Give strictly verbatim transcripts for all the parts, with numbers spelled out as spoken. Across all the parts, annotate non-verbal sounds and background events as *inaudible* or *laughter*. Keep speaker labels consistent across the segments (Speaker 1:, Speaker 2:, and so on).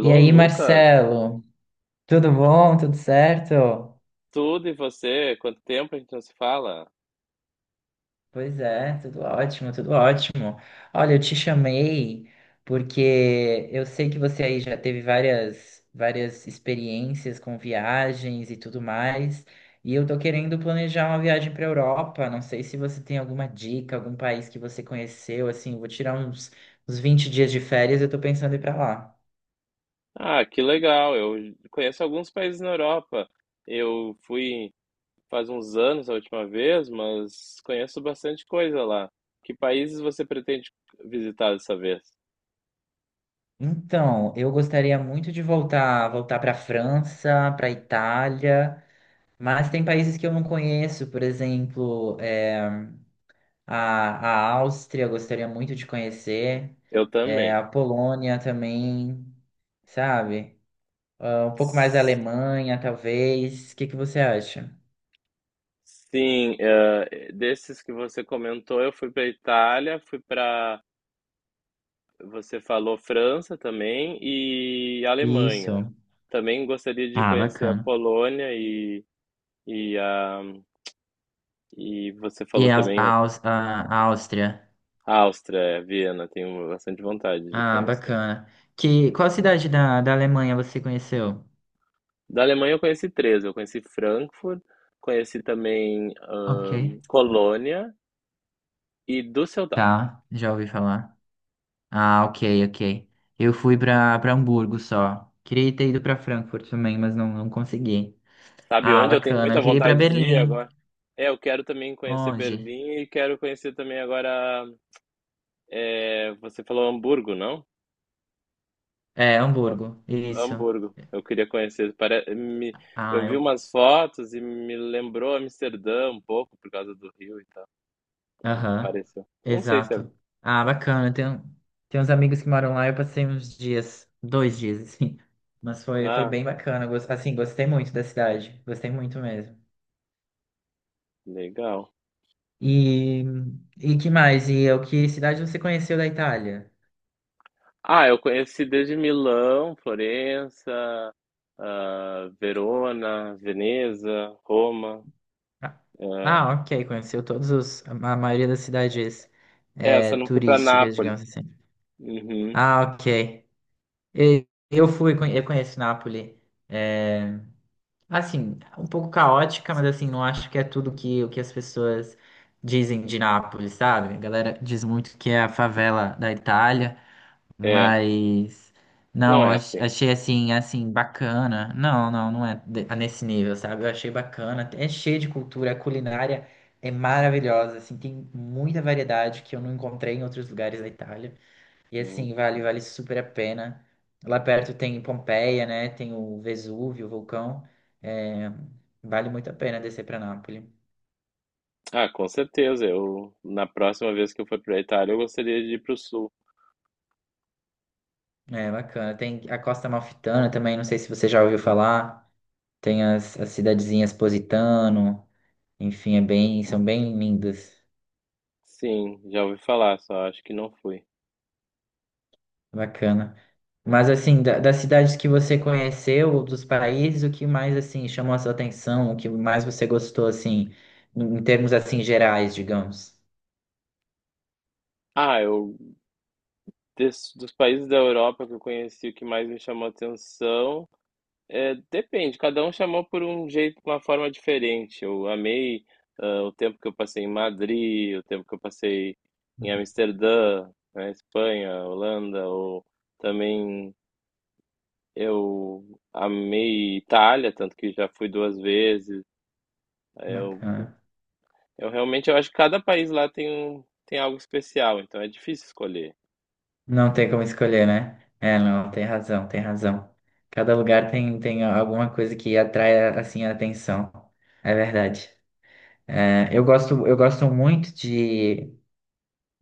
Speaker 1: E aí,
Speaker 2: Lucas,
Speaker 1: Marcelo, tudo bom? Tudo certo?
Speaker 2: tudo e você? Quanto tempo a gente não se fala?
Speaker 1: Pois é, tudo ótimo, tudo ótimo. Olha, eu te chamei porque eu sei que você aí já teve várias, várias experiências com viagens e tudo mais, e eu tô querendo planejar uma viagem para Europa. Não sei se você tem alguma dica, algum país que você conheceu, assim, eu vou tirar uns, uns vinte dias de férias, e eu tô pensando em ir para lá.
Speaker 2: Ah, que legal. Eu conheço alguns países na Europa. Eu fui faz uns anos a última vez, mas conheço bastante coisa lá. Que países você pretende visitar dessa vez?
Speaker 1: Então, eu gostaria muito de voltar, voltar para a França, para a Itália, mas tem países que eu não conheço, por exemplo, é, a, a Áustria, eu gostaria muito de conhecer,
Speaker 2: Eu
Speaker 1: é,
Speaker 2: também.
Speaker 1: a Polônia também, sabe? Ah, um pouco mais a
Speaker 2: S-
Speaker 1: Alemanha, talvez. O que que você acha?
Speaker 2: Sim, eh, desses que você comentou, eu fui para Itália, fui para Você falou França também e Alemanha.
Speaker 1: Isso.
Speaker 2: Também gostaria de
Speaker 1: Ah,
Speaker 2: conhecer a
Speaker 1: bacana.
Speaker 2: Polônia e, e, a, e você falou
Speaker 1: E a,
Speaker 2: também,
Speaker 1: a,
Speaker 2: né,
Speaker 1: Aus- a- a Áustria?
Speaker 2: a Áustria, é, Viena, tenho bastante vontade de
Speaker 1: Ah,
Speaker 2: conhecer.
Speaker 1: bacana. Que, qual cidade da, da Alemanha você conheceu?
Speaker 2: Da Alemanha eu conheci três, eu conheci Frankfurt, conheci também
Speaker 1: Ok.
Speaker 2: ahn, Colônia e Düsseldorf.
Speaker 1: Tá, já ouvi falar. Ah, ok, ok. Eu fui pra, pra Hamburgo só. Queria ter ido pra Frankfurt também, mas não, não consegui.
Speaker 2: Sabe
Speaker 1: Ah,
Speaker 2: onde eu tenho
Speaker 1: bacana.
Speaker 2: muita
Speaker 1: Eu queria ir pra
Speaker 2: vontade de ir
Speaker 1: Berlim.
Speaker 2: agora? É, eu quero também conhecer
Speaker 1: Onde?
Speaker 2: Berlim e quero conhecer também agora, é, você falou Hamburgo, não?
Speaker 1: É, Hamburgo. Isso.
Speaker 2: Hamburgo. Eu queria conhecer. Pare... me- Eu
Speaker 1: Ah,
Speaker 2: vi
Speaker 1: eu.
Speaker 2: umas fotos e me lembrou Amsterdã um pouco por causa do rio e tal. Me
Speaker 1: Aham.
Speaker 2: pareceu. Não sei se é.
Speaker 1: Exato. Ah, bacana. Tem, um- tem uns amigos que moram lá. Eu passei uns dias, dois dias, *laughs* assim. Mas foi, foi
Speaker 2: Ah,
Speaker 1: bem bacana. Gos- Assim, gostei muito da cidade. Gostei muito mesmo.
Speaker 2: legal.
Speaker 1: E, e que mais? E o que cidade você conheceu da Itália?
Speaker 2: Ah, eu conheci desde Milão, Florença, ah, Verona, Veneza, Roma.
Speaker 1: Ah,
Speaker 2: eh,
Speaker 1: ah, ok, conheceu todos os, a maioria das cidades é,
Speaker 2: Essa não fui para
Speaker 1: turísticas,
Speaker 2: Nápoles.
Speaker 1: digamos assim.
Speaker 2: Uhum.
Speaker 1: Ah, ok. E- Eu fui, conhe- eu conheço Nápoles. É, assim, um pouco caótica, mas assim, não acho que é tudo que, o que as pessoas dizem de Nápoles, sabe? A galera diz muito que é a favela da Itália.
Speaker 2: É,
Speaker 1: Mas
Speaker 2: não
Speaker 1: não, eu
Speaker 2: é
Speaker 1: ach-
Speaker 2: assim.
Speaker 1: achei assim, assim, bacana. Não, não, não é de- nesse nível, sabe? Eu achei bacana. É cheio de cultura, a culinária é maravilhosa, assim, tem muita variedade que eu não encontrei em outros lugares da Itália. E
Speaker 2: Uhum.
Speaker 1: assim, vale, vale super a pena. Lá perto tem Pompeia, né? Tem o Vesúvio, o vulcão. É, vale muito a pena descer para Nápoles.
Speaker 2: Ah, com certeza. Eu na próxima vez que eu for para Itália, eu gostaria de ir para o sul.
Speaker 1: É bacana. Tem a Costa Amalfitana também, não sei se você já ouviu falar. Tem as, as cidadezinhas Positano. Enfim, é bem, são bem lindas.
Speaker 2: Sim, já ouvi falar, só acho que não fui.
Speaker 1: Bacana. Mas assim, da- das cidades que você conheceu, dos países, o que mais assim chamou a sua atenção, o que mais você gostou assim, em termos assim gerais, digamos?
Speaker 2: Ah, eu des- dos países da Europa que eu conheci, o que mais me chamou atenção é, depende, cada um chamou por um jeito, uma forma diferente. Eu amei, ah, o tempo que eu passei em Madrid, o tempo que eu passei em
Speaker 1: Uhum,
Speaker 2: Amsterdã, na Espanha, Holanda, ou também eu amei Itália, tanto que já fui duas vezes. Eu,
Speaker 1: bacana.
Speaker 2: eu realmente eu acho que cada país lá tem um, tem algo especial, então é difícil escolher.
Speaker 1: Não tem como escolher, né? É, não, tem razão, tem razão. Cada lugar tem, tem alguma coisa que atrai assim a atenção. É verdade. É, eu gosto, eu gosto muito de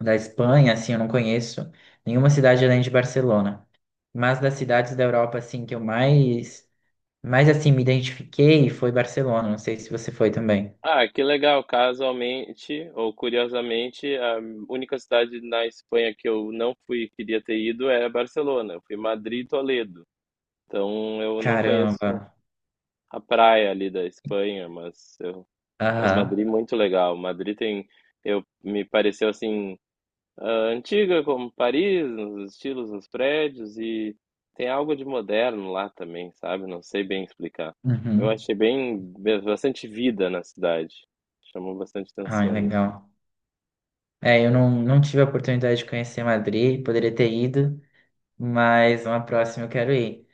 Speaker 1: da Espanha, assim, eu não conheço nenhuma cidade além de Barcelona. Mas das cidades da Europa, assim, que eu mais, mais assim, me identifiquei foi Barcelona. Não sei se você foi também.
Speaker 2: Ah, que legal. Casualmente ou curiosamente, a única cidade na Espanha que eu não fui e queria ter ido é Barcelona. Eu fui Madrid e Toledo. Então eu não
Speaker 1: Caramba.
Speaker 2: conheço a praia ali da Espanha, mas eu, mas
Speaker 1: Aham.
Speaker 2: Madrid é muito legal. Madrid tem, eu me pareceu assim, ah, antiga como Paris, nos estilos, nos prédios e tem algo de moderno lá também, sabe? Não sei bem explicar. Eu
Speaker 1: Uhum.
Speaker 2: achei bem, bastante vida na cidade. Chamou bastante
Speaker 1: Ai,
Speaker 2: atenção nisso.
Speaker 1: legal. É, eu não, não tive a oportunidade de conhecer Madrid, poderia ter ido, mas uma próxima eu quero ir.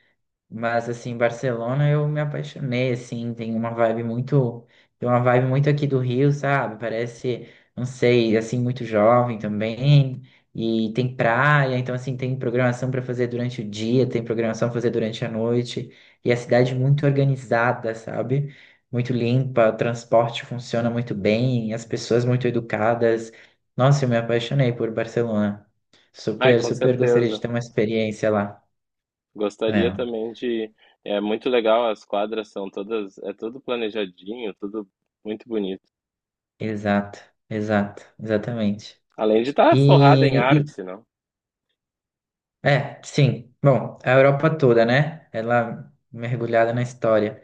Speaker 1: Mas assim, Barcelona eu me apaixonei, assim, tem uma vibe muito, tem uma vibe muito aqui do Rio, sabe? Parece, não sei, assim, muito jovem também. E tem praia, então assim, tem programação para fazer durante o dia, tem programação para fazer durante a noite. E a cidade muito organizada, sabe? Muito limpa, o transporte funciona muito bem, as pessoas muito educadas. Nossa, eu me apaixonei por Barcelona.
Speaker 2: Ai,
Speaker 1: Super,
Speaker 2: com
Speaker 1: super gostaria de
Speaker 2: certeza.
Speaker 1: ter uma experiência lá.
Speaker 2: Gostaria
Speaker 1: É.
Speaker 2: também de. É muito legal, as quadras são todas. É tudo planejadinho, tudo muito bonito.
Speaker 1: Exato, exato, exatamente.
Speaker 2: Além de estar forrada em
Speaker 1: E, e-
Speaker 2: arte, não?
Speaker 1: é, sim. Bom, a Europa toda, né? Ela mergulhada na história,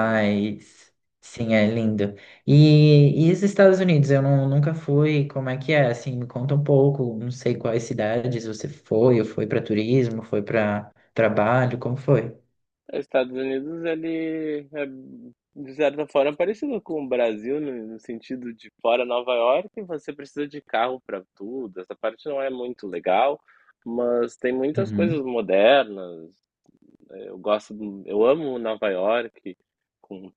Speaker 2: É.
Speaker 1: sim, é lindo. E, e os Estados Unidos, eu não- nunca fui. Como é que é? Assim, me conta um pouco. Não sei quais cidades você foi. Ou foi para turismo? Foi para trabalho? Como foi?
Speaker 2: Os Estados Unidos, ele é, de certa forma, parecido com o Brasil, no, no sentido de fora Nova York, você precisa de carro para tudo. Essa parte não é muito legal, mas tem muitas coisas
Speaker 1: Uhum,
Speaker 2: modernas. Né, eu gosto, do- eu amo Nova York, com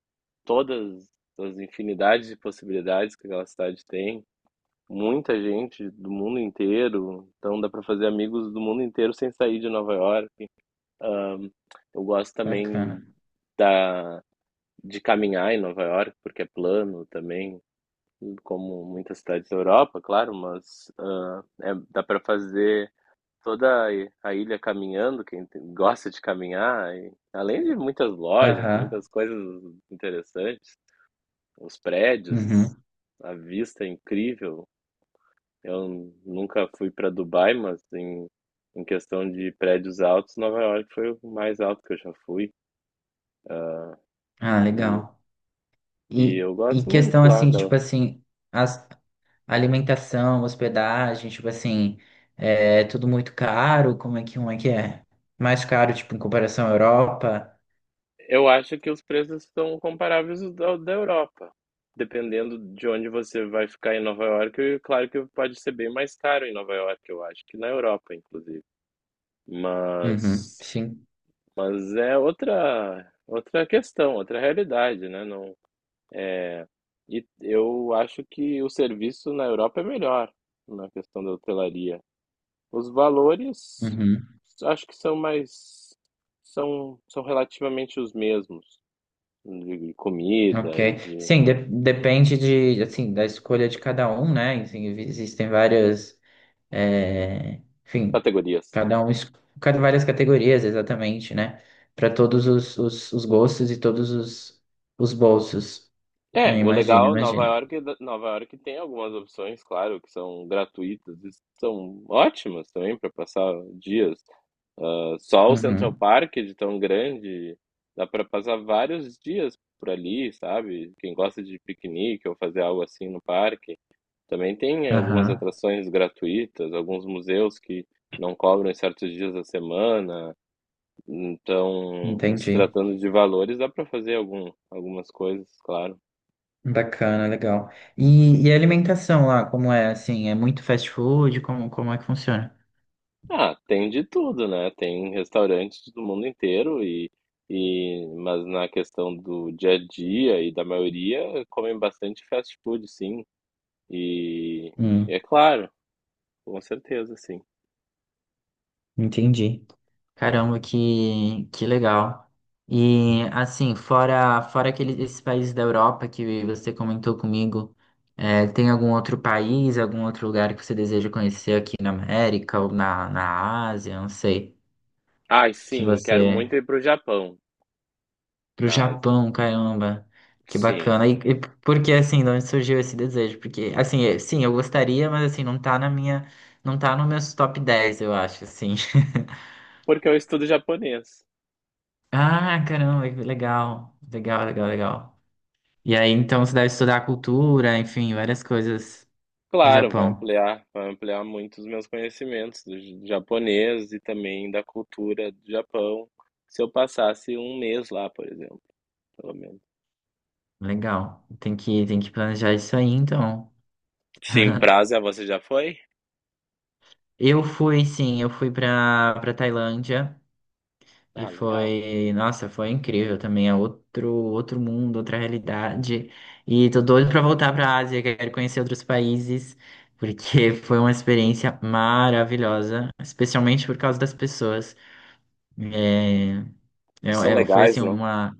Speaker 2: todas as infinidades de possibilidades que aquela cidade tem. Muita gente do mundo inteiro, então dá para fazer amigos do mundo inteiro sem sair de Nova York. Eu gosto também
Speaker 1: bacana.
Speaker 2: da, de caminhar em Nova York, porque é plano também, como muitas cidades da Europa, claro, mas, ah, é- dá para fazer toda a i- a ilha caminhando, quem tem- gosta de caminhar, e além de muitas lojas,
Speaker 1: Aham.
Speaker 2: muitas coisas interessantes, os prédios,
Speaker 1: Uhum.
Speaker 2: a vista é incrível. Eu n- nunca fui para Dubai, mas em, em questão de prédios altos, Nova York foi o mais alto que eu já fui.
Speaker 1: Ah, legal.
Speaker 2: E
Speaker 1: E,
Speaker 2: eu
Speaker 1: e
Speaker 2: gosto
Speaker 1: questão
Speaker 2: muito lá
Speaker 1: assim,
Speaker 2: da.
Speaker 1: tipo assim, as Alimentação, hospedagem, tipo assim, é tudo muito caro. Como é que um é que é? Mais caro, tipo, em comparação à Europa?
Speaker 2: Eu acho que os preços estão comparáveis ao da da Europa. Dependendo de onde você vai ficar em Nova York, e claro que pode ser bem mais caro em Nova York, eu acho, que na Europa, inclusive.
Speaker 1: Uhum,
Speaker 2: Mas,
Speaker 1: sim.
Speaker 2: mas é outra, outra questão, outra realidade, né? Não, é, e eu acho que o serviço na Europa é melhor na questão da hotelaria. Os valores
Speaker 1: Uhum,
Speaker 2: acho que são mais, são são relativamente os mesmos de comida e
Speaker 1: ok.
Speaker 2: de
Speaker 1: Sim, de- depende de, assim, da escolha de cada um, né? Assim, existem várias, é, enfim,
Speaker 2: categorias.
Speaker 1: cada um, es- cada várias categorias, exatamente, né? Para todos os, os, os gostos e todos os, os bolsos. Eu
Speaker 2: É, o
Speaker 1: imagino,
Speaker 2: legal, Nova
Speaker 1: imagino.
Speaker 2: York, Nova York tem algumas opções, claro, que são gratuitas e são ótimas também para passar dias. Ah, só o Central
Speaker 1: Uhum,
Speaker 2: Park, de tão grande, dá para passar vários dias por ali, sabe? Quem gosta de piquenique ou fazer algo assim no parque. Também tem, eh, algumas
Speaker 1: aham,
Speaker 2: atrações gratuitas, alguns museus que não cobram em certos dias da semana. Então, se
Speaker 1: entendi.
Speaker 2: tratando de valores, dá para fazer algum, algumas coisas, claro.
Speaker 1: Bacana, legal. E, e a alimentação lá, como é assim? É muito fast food? Como, como é que funciona?
Speaker 2: Ah, tem de tudo, né? Tem restaurantes do mundo inteiro e, e mas na questão do dia a dia e da maioria comem bastante fast food, sim. E, e
Speaker 1: Hum,
Speaker 2: é claro, com certeza, sim.
Speaker 1: entendi. Caramba, que, que legal. E assim, fora, fora aqueles, esses países da Europa que você comentou comigo, é, tem algum outro país, algum outro lugar que você deseja conhecer aqui na América ou na, na Ásia, não sei,
Speaker 2: Ai,
Speaker 1: que
Speaker 2: sim, quero
Speaker 1: você
Speaker 2: muito ir pro Japão,
Speaker 1: pro
Speaker 2: na Ásia.
Speaker 1: Japão, caramba. Que
Speaker 2: Sim.
Speaker 1: bacana. E, e por que assim, de onde surgiu esse desejo? Porque assim, é- sim, eu gostaria, mas assim, não tá na minha, não tá no meus top dez, eu acho, assim. *laughs*
Speaker 2: Porque eu estudo japonês.
Speaker 1: Ah, caramba, que legal. Legal, legal, legal. E aí, então, você deve estudar a cultura, enfim, várias coisas do
Speaker 2: Claro, vai
Speaker 1: Japão.
Speaker 2: ampliar, vai ampliar muito os meus conhecimentos do j- japonês e também da cultura do Japão, se eu passasse um mês lá, por exemplo, pelo menos.
Speaker 1: Legal. Tem que, tem que planejar isso aí, então.
Speaker 2: Sim,
Speaker 1: *laughs*
Speaker 2: Brasa, você já foi?
Speaker 1: Eu fui, sim, eu fui pra, pra Tailândia. E
Speaker 2: Ah, legal.
Speaker 1: foi, nossa, foi incrível também, é outro, outro mundo, outra realidade. E tô doido pra voltar pra Ásia, quero conhecer outros países, porque *laughs* foi uma experiência maravilhosa, especialmente por causa das pessoas. É, é-
Speaker 2: São
Speaker 1: é- foi
Speaker 2: legais,
Speaker 1: assim
Speaker 2: não?
Speaker 1: uma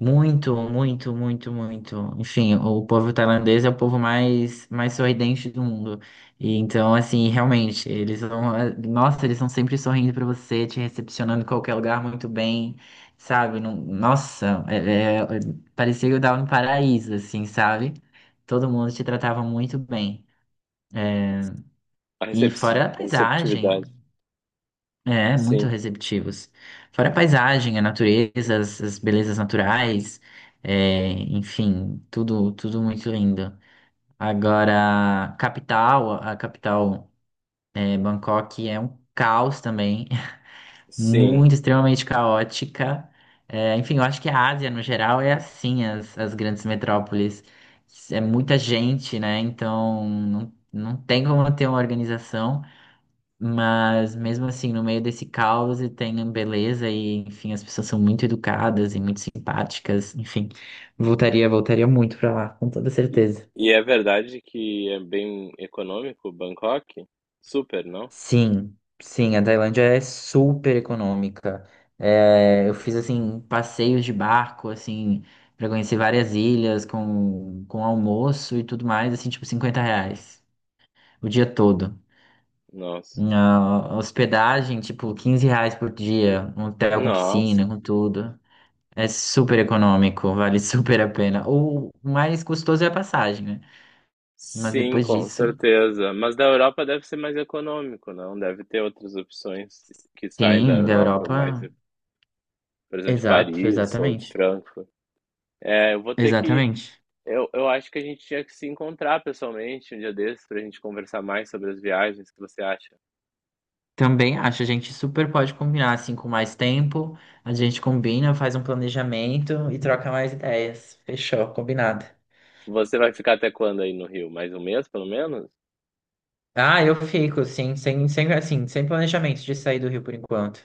Speaker 1: muito, muito, muito, muito. Enfim, o povo tailandês é o povo mais, mais sorridente do mundo. E então, assim, realmente, eles vão nossa, eles estão sempre sorrindo pra você, te recepcionando em qualquer lugar muito bem, sabe? Não- nossa, é- é- parecia que eu tava no paraíso, assim, sabe? Todo mundo te tratava muito bem.
Speaker 2: A
Speaker 1: E
Speaker 2: recepti-
Speaker 1: fora a
Speaker 2: a
Speaker 1: paisagem,
Speaker 2: receptividade.
Speaker 1: é, muito
Speaker 2: Sim,
Speaker 1: receptivos. Fora a paisagem, a natureza, as, as belezas naturais, é, enfim, tudo, tudo muito lindo. Agora, capital, a capital, é, Bangkok é um caos também, *laughs*
Speaker 2: sim.
Speaker 1: muito extremamente caótica. É, enfim, eu acho que a Ásia, no geral, é assim, as, as grandes metrópoles. É muita gente, né? Então, não, não tem como ter uma organização. Mas mesmo assim, no meio desse caos e tem beleza e, enfim, as pessoas são muito educadas e muito simpáticas, enfim. Voltaria, voltaria muito pra lá, com toda
Speaker 2: E,
Speaker 1: certeza.
Speaker 2: e é verdade que é bem econômico Bangkok? Super, não?
Speaker 1: Sim, sim, a Tailândia é super econômica. É, eu fiz assim passeios de barco, assim, para conhecer várias ilhas com, com almoço e tudo mais, assim, tipo cinquenta reais o dia todo.
Speaker 2: Nossa.
Speaker 1: Na hospedagem, tipo, quinze reais por dia, um hotel com
Speaker 2: Nossa.
Speaker 1: piscina, com tudo. É super econômico, vale *laughs* super a pena. O mais custoso é a passagem, né? Mas
Speaker 2: Sim,
Speaker 1: depois
Speaker 2: com
Speaker 1: disso,
Speaker 2: certeza. Mas da Europa deve ser mais econômico, não? Deve ter outras opções que saem da
Speaker 1: sim, da
Speaker 2: Europa, mais,
Speaker 1: Europa.
Speaker 2: por exemplo, de
Speaker 1: Exato,
Speaker 2: Paris ou de
Speaker 1: exatamente.
Speaker 2: Frankfurt. É, eu vou ter que.
Speaker 1: Exatamente.
Speaker 2: Eu, eu acho que a gente tinha que se encontrar pessoalmente um dia desses para a gente conversar mais sobre as viagens. O que você acha?
Speaker 1: Também acho, a gente super pode combinar assim com mais tempo. A gente combina, faz um planejamento e troca mais ideias. Fechou, combinado.
Speaker 2: Você vai ficar até quando aí no Rio? Mais um mês, pelo menos?
Speaker 1: Ah, eu fico, sim, sem, sem, assim, sem planejamento de sair do Rio por enquanto.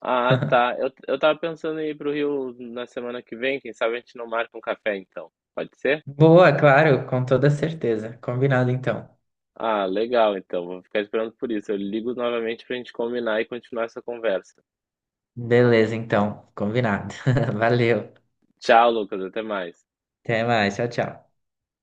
Speaker 2: Ah, tá. Eu, eu tava pensando em ir pro Rio na semana que vem. Quem sabe a gente não marca um café então. Pode ser?
Speaker 1: Boa, claro, com toda certeza. Combinado então.
Speaker 2: Ah, legal, então. Vou ficar esperando por isso. Eu ligo novamente pra gente combinar e continuar essa conversa.
Speaker 1: Beleza, então. Combinado. *laughs* Valeu.
Speaker 2: Tchau, Lucas. Até mais.
Speaker 1: Até mais, tchau, tchau.